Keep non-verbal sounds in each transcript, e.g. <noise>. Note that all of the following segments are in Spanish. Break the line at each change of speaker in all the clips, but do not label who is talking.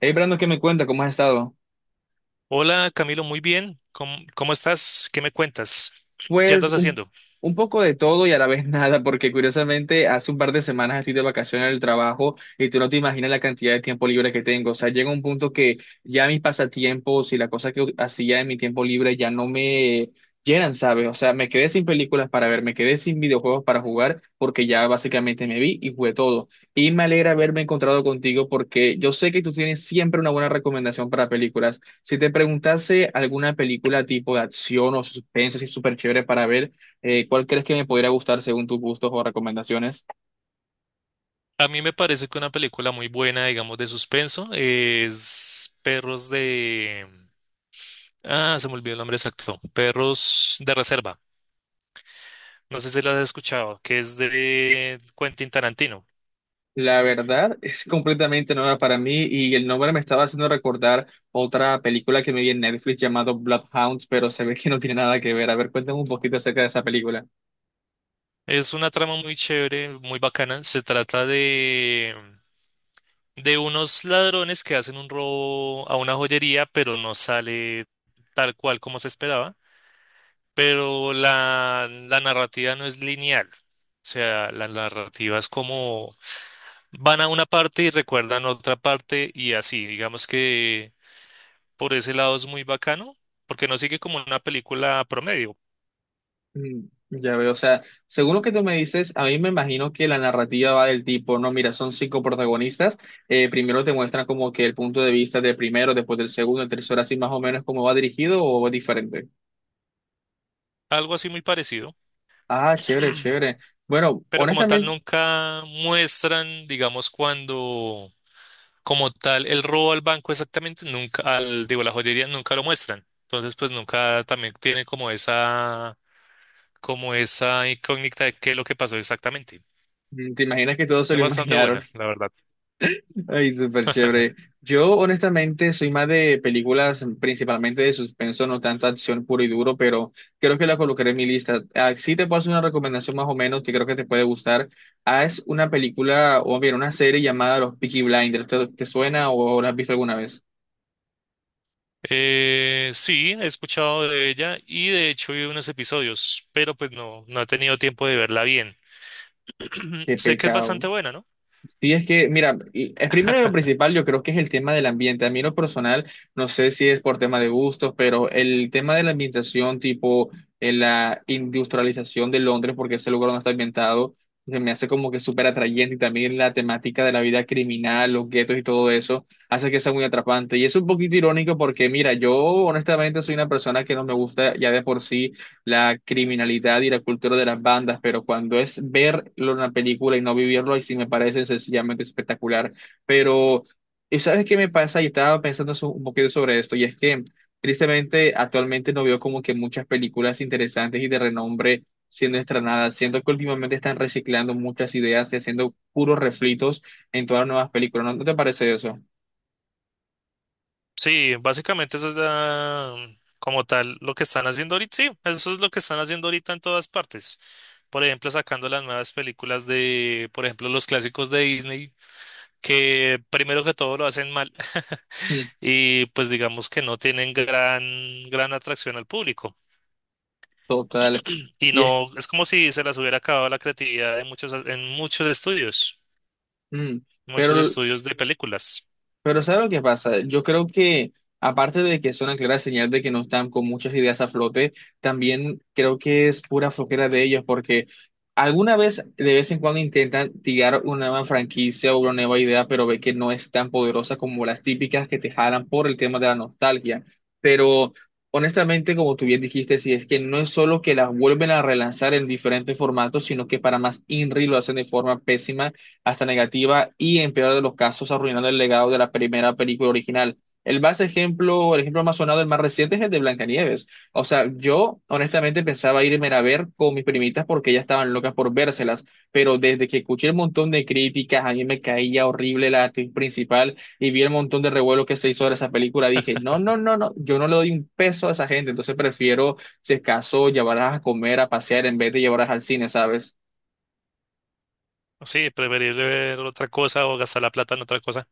Hey, Brando, ¿qué me cuenta? ¿Cómo has estado?
Hola Camilo, muy bien. ¿Cómo estás? ¿Qué me cuentas? ¿Qué
Pues
andas
un,
haciendo?
un poco de todo y a la vez <laughs> nada, porque curiosamente hace un par de semanas estoy de vacaciones del trabajo y tú no te imaginas la cantidad de tiempo libre que tengo. O sea, llega un punto que ya mis pasatiempos y las cosas que hacía en mi tiempo libre ya no me llenan, ¿sabes? O sea, me quedé sin películas para ver, me quedé sin videojuegos para jugar, porque ya básicamente me vi y jugué todo. Y me alegra haberme encontrado contigo porque yo sé que tú tienes siempre una buena recomendación para películas. Si te preguntase alguna película tipo de acción o suspense así súper chévere para ver, ¿cuál crees que me podría gustar según tus gustos o recomendaciones?
A mí me parece que una película muy buena, digamos, de suspenso es Perros de... Ah, se me olvidó el nombre exacto. Perros de Reserva. No sé si la has escuchado, que es de Quentin Tarantino.
La verdad <laughs> es completamente nueva para mí y el nombre me estaba haciendo recordar otra película que me vi en Netflix llamado Bloodhounds, pero se ve que no tiene nada que ver. A ver, cuéntame un poquito acerca de esa película.
Es una trama muy chévere, muy bacana. Se trata de unos ladrones que hacen un robo a una joyería, pero no sale tal cual como se esperaba. Pero la narrativa no es lineal. O sea, la narrativa es como van a una parte y recuerdan otra parte y así. Digamos que por ese lado es muy bacano, porque no sigue como una película promedio,
Mm, ya veo, o sea, según lo que tú me dices, a mí me imagino que la narrativa va del tipo, no, mira, son cinco protagonistas, primero te muestran como que el punto de vista del primero, después del segundo, el tercero, así más o menos cómo va dirigido o es diferente.
algo así muy parecido,
Ah, chévere, chévere. Bueno,
pero como tal
honestamente,
nunca muestran, digamos, cuando como tal el robo al banco exactamente, nunca, al, digo, la joyería nunca lo muestran. Entonces, pues nunca también tiene como esa incógnita de qué es lo que pasó exactamente.
te imaginas que todos se
Es
lo <laughs>
bastante
imaginaron.
buena, la verdad.
Ay, súper chévere. Yo, honestamente, soy más de películas principalmente de suspenso, no tanta acción puro y duro, pero creo que la colocaré en mi lista. Ah, sí te puedo hacer una recomendación más o menos que creo que te puede gustar. Ah, es una película, o bien, una serie llamada Los Peaky Blinders. ¿Te suena o la has visto alguna vez?
Sí, he escuchado de ella y de hecho vi unos episodios, pero pues no he tenido tiempo de verla bien. <clears throat>
Qué
Sé que es
pecado.
bastante buena, ¿no?
Sí, es que, mira, el primero y lo principal yo creo que es el tema del ambiente. A mí en lo personal, no sé si es por tema de gustos, pero el tema de la ambientación, tipo la industrialización de Londres, porque ese lugar donde está ambientado, se me hace como que súper atrayente y también la temática de la vida criminal, los guetos y todo eso, hace que sea muy atrapante. Y es un poquito irónico porque, mira, yo honestamente soy una persona que no me gusta ya de por sí la criminalidad y la cultura de las bandas, pero cuando es verlo en una película y no vivirlo, ahí sí me parece sencillamente espectacular. Pero, ¿Sabes qué me pasa? Y estaba pensando un poquito sobre esto, y es que tristemente actualmente no veo como que muchas películas interesantes y de renombre siendo estrenadas, siendo que últimamente están reciclando muchas ideas y haciendo puros refritos en todas las nuevas películas. ¿No te parece eso?
Sí, básicamente eso es como tal lo que están haciendo ahorita. Sí, eso es lo que están haciendo ahorita en todas partes. Por ejemplo, sacando las nuevas películas de, por ejemplo, los clásicos de Disney, que primero que todo lo hacen mal <laughs>
Mm,
y pues digamos que no tienen gran atracción al público.
total.
Y
Y es,
no, es como si se las hubiera acabado la creatividad en muchos estudios,
mm,
muchos
Pero
estudios de películas.
Pero ¿sabes lo que pasa? Yo creo que, aparte de que es una clara señal de que no están con muchas ideas a flote, también creo que es pura flojera de ellos, porque alguna vez, de vez en cuando, intentan tirar una nueva franquicia o una nueva idea, pero ve que no es tan poderosa como las típicas que te jalan por el tema de la nostalgia. Pero, honestamente, como tú bien dijiste, sí, es que no es solo que las vuelven a relanzar en diferentes formatos, sino que para más INRI lo hacen de forma pésima hasta negativa y en peor de los casos arruinando el legado de la primera película original. El ejemplo más sonado, el más reciente es el de Blancanieves. O sea, yo honestamente pensaba irme a ver con mis primitas porque ellas estaban locas por vérselas, pero desde que escuché el montón de críticas, a mí me caía horrible la actriz principal y vi el montón de revuelo que se hizo de esa película, dije, no, no, no, no, yo no le doy un peso a esa gente, entonces prefiero, si acaso, llevarlas a comer, a pasear en vez de llevarlas al cine, ¿sabes?
Sí, preferible ver otra cosa o gastar la plata en otra cosa.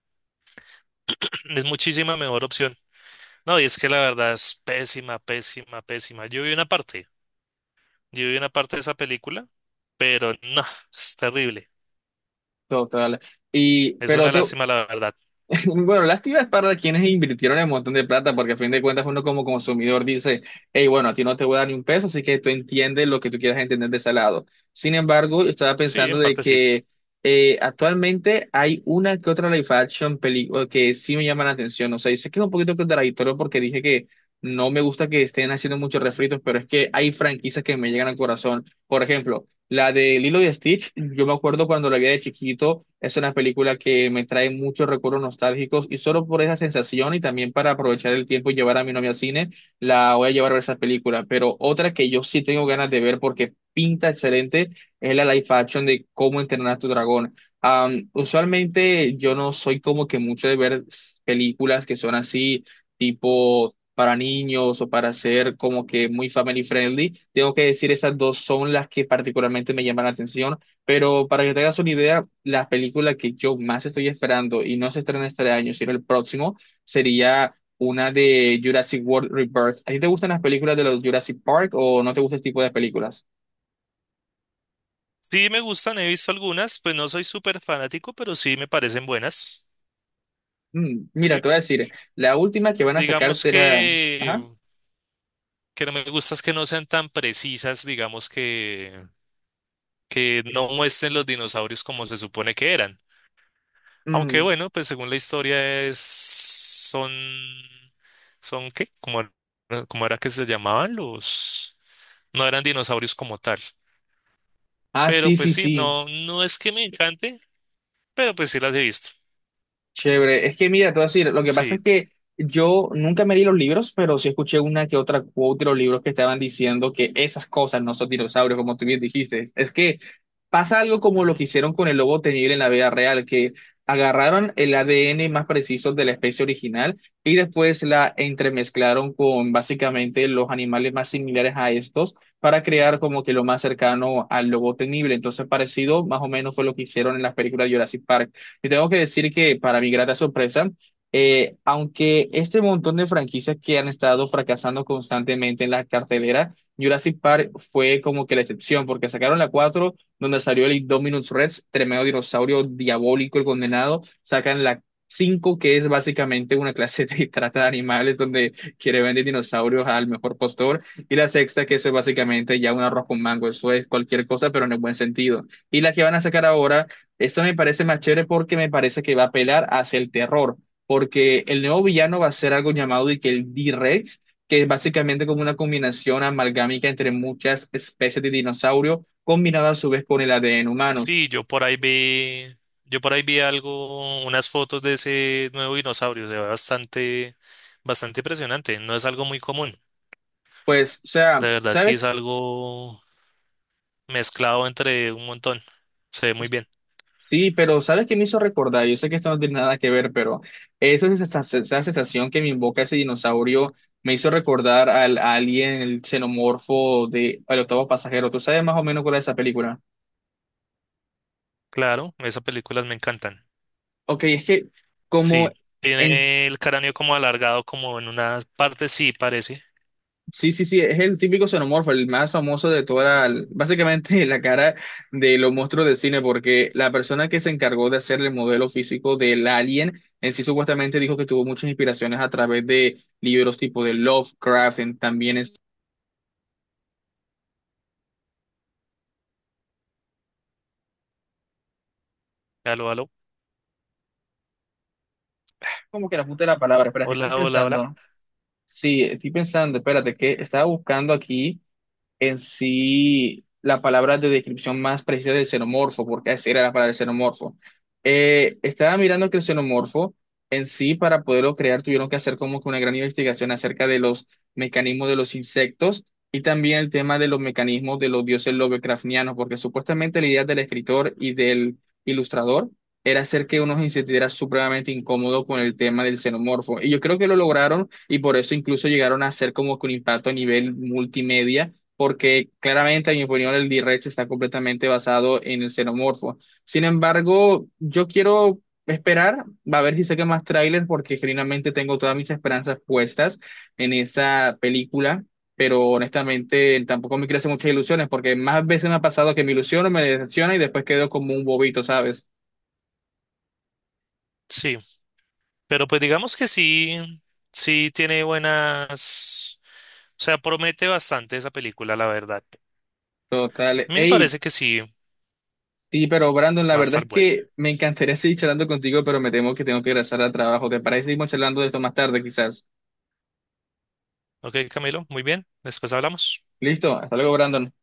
<clears throat> Es muchísima mejor opción. No, y es que la verdad es pésima, pésima, pésima. Yo vi una parte de esa película, pero no, es terrible.
Total. Y,
Es
pero
una
te,
lástima, la verdad.
<laughs> Bueno, lástima es para quienes invirtieron el montón de plata, porque a fin de cuentas uno como consumidor dice, hey, bueno, a ti no te voy a dar ni un peso, así que tú entiendes lo que tú quieras entender de ese lado. Sin embargo, yo estaba
Sí,
pensando
en
de
parte sí.
que actualmente hay una que otra live action película que sí me llama la atención. O sea, yo sé que es un poquito contradictorio porque dije que no me gusta que estén haciendo muchos refritos, pero es que hay franquicias que me llegan al corazón. Por ejemplo, la de Lilo y Stitch, yo me acuerdo cuando la vi de chiquito, es una película que me trae muchos recuerdos nostálgicos y solo por esa sensación y también para aprovechar el tiempo y llevar a mi novia al cine, la voy a llevar a ver esa película. Pero otra que yo sí tengo ganas de ver porque pinta excelente es la live action de Cómo entrenar a tu dragón. Usualmente yo no soy como que mucho de ver películas que son así, tipo para niños o para ser como que muy family friendly. Tengo que decir, esas dos son las que particularmente me llaman la atención, pero para que te hagas una idea, la película que yo más estoy esperando y no se estrena este año, sino el próximo, sería una de Jurassic World Rebirth. ¿A ti te gustan las películas de los Jurassic Park o no te gusta este tipo de películas?
Sí, me gustan, he visto algunas, pues no soy súper fanático, pero sí me parecen buenas.
Mm, mira,
Sí,
te voy a decir, la última que van a
digamos
sacarte era...
que.
Ajá.
Que no me gusta es que no sean tan precisas, digamos que no muestren los dinosaurios como se supone que eran. Aunque
Mm.
bueno, pues según la historia es, son, son qué, como, era cómo era que se llamaban los, no eran dinosaurios como tal.
Ah,
Pero
sí,
pues
sí,
sí,
sí.
no, no es que me encante, pero pues sí las he visto.
Chévere. Es que mira, te voy a decir, lo que pasa
Sí.
es que yo nunca me leí los libros, pero sí escuché una que otra quote de los libros que estaban diciendo que esas cosas no son dinosaurios, como tú bien dijiste. Es que pasa algo como lo que hicieron con el lobo tenible en la vida real, que agarraron el ADN más preciso de la especie original y después la entremezclaron con básicamente los animales más similares a estos para crear como que lo más cercano al lobo tenible. Entonces, parecido más o menos fue lo que hicieron en las películas de Jurassic Park. Te tengo que decir que para mi grata sorpresa, aunque este montón de franquicias que han estado fracasando constantemente en la cartelera, Jurassic Park fue como que la excepción, porque sacaron la 4 donde salió el Indominus Rex, tremendo dinosaurio diabólico, el condenado, sacan la 5 que es básicamente una clase de <laughs> trata de animales, donde quiere vender dinosaurios al mejor postor, y la sexta, que eso es básicamente ya un arroz con mango, eso es cualquier cosa, pero en el buen sentido. Y la que van a sacar ahora, esto me parece más chévere porque me parece que va a apelar hacia el terror, porque el nuevo villano va a ser algo llamado de que el D-Rex, que es básicamente como una combinación amalgámica entre muchas especies de dinosaurio, combinada a su vez con el ADN humano.
Sí, yo por ahí vi algo, unas fotos de ese nuevo dinosaurio, se ve bastante, bastante impresionante, no es algo muy común,
Pues, o sea,
de verdad sí
¿sabes?
es algo mezclado entre un montón, se ve muy bien,
Sí, pero ¿sabes qué me hizo recordar? Yo sé que esto no tiene nada que ver, pero eso es esa sensación que me invoca ese dinosaurio, me hizo recordar al alien, el xenomorfo de El octavo pasajero. ¿Tú sabes más o menos cuál es esa película?
claro, esas películas me encantan,
Ok, es que como
sí,
en...
tiene el cráneo como alargado como en una parte, sí parece,
Sí, sí, sí, es el típico xenomorfo, el más famoso de toda la... Básicamente <laughs> la cara de los monstruos de cine, porque la persona que se encargó de hacer el modelo físico del alien, en sí supuestamente dijo que tuvo muchas inspiraciones a través de libros tipo de Lovecraft, también es...
aló, aló,
Como que la puta de la palabra, espérate, estoy
hola, hola, hola,
pensando. Sí, estoy pensando, espérate, que estaba buscando aquí en sí la palabra de descripción más precisa del xenomorfo, porque esa era la palabra del xenomorfo. Estaba mirando que el xenomorfo en sí, para poderlo crear, tuvieron que hacer como que una gran investigación acerca de los mecanismos de los insectos y también el tema de los mecanismos de los dioses lovecraftianos, porque supuestamente la idea del escritor y del ilustrador era hacer que uno se sintiera supremamente incómodo con el tema del xenomorfo. Y yo creo que lo lograron y por eso incluso llegaron a hacer como que un impacto a nivel multimedia porque claramente, en mi opinión, el D-Rex está completamente basado en el xenomorfo. Sin embargo, yo quiero esperar, va a ver si saca más tráiler, porque genuinamente tengo todas mis esperanzas puestas en esa película, pero honestamente tampoco me crece muchas ilusiones, porque más veces me ha pasado que me ilusiono, me decepciona y después quedo como un bobito, ¿sabes?
sí, pero pues digamos que sí, sí tiene buenas, o sea, promete bastante esa película, la verdad.
Total.
A mí me
Hey,
parece que sí
sí, pero Brandon, la
va a
verdad
estar
es
bueno.
que me encantaría <laughs> seguir charlando contigo, pero me temo que tengo que regresar al trabajo. ¿Te parece que seguimos charlando de esto más tarde, quizás?
Ok, Camilo, muy bien. Después hablamos.
Listo, hasta luego, Brandon.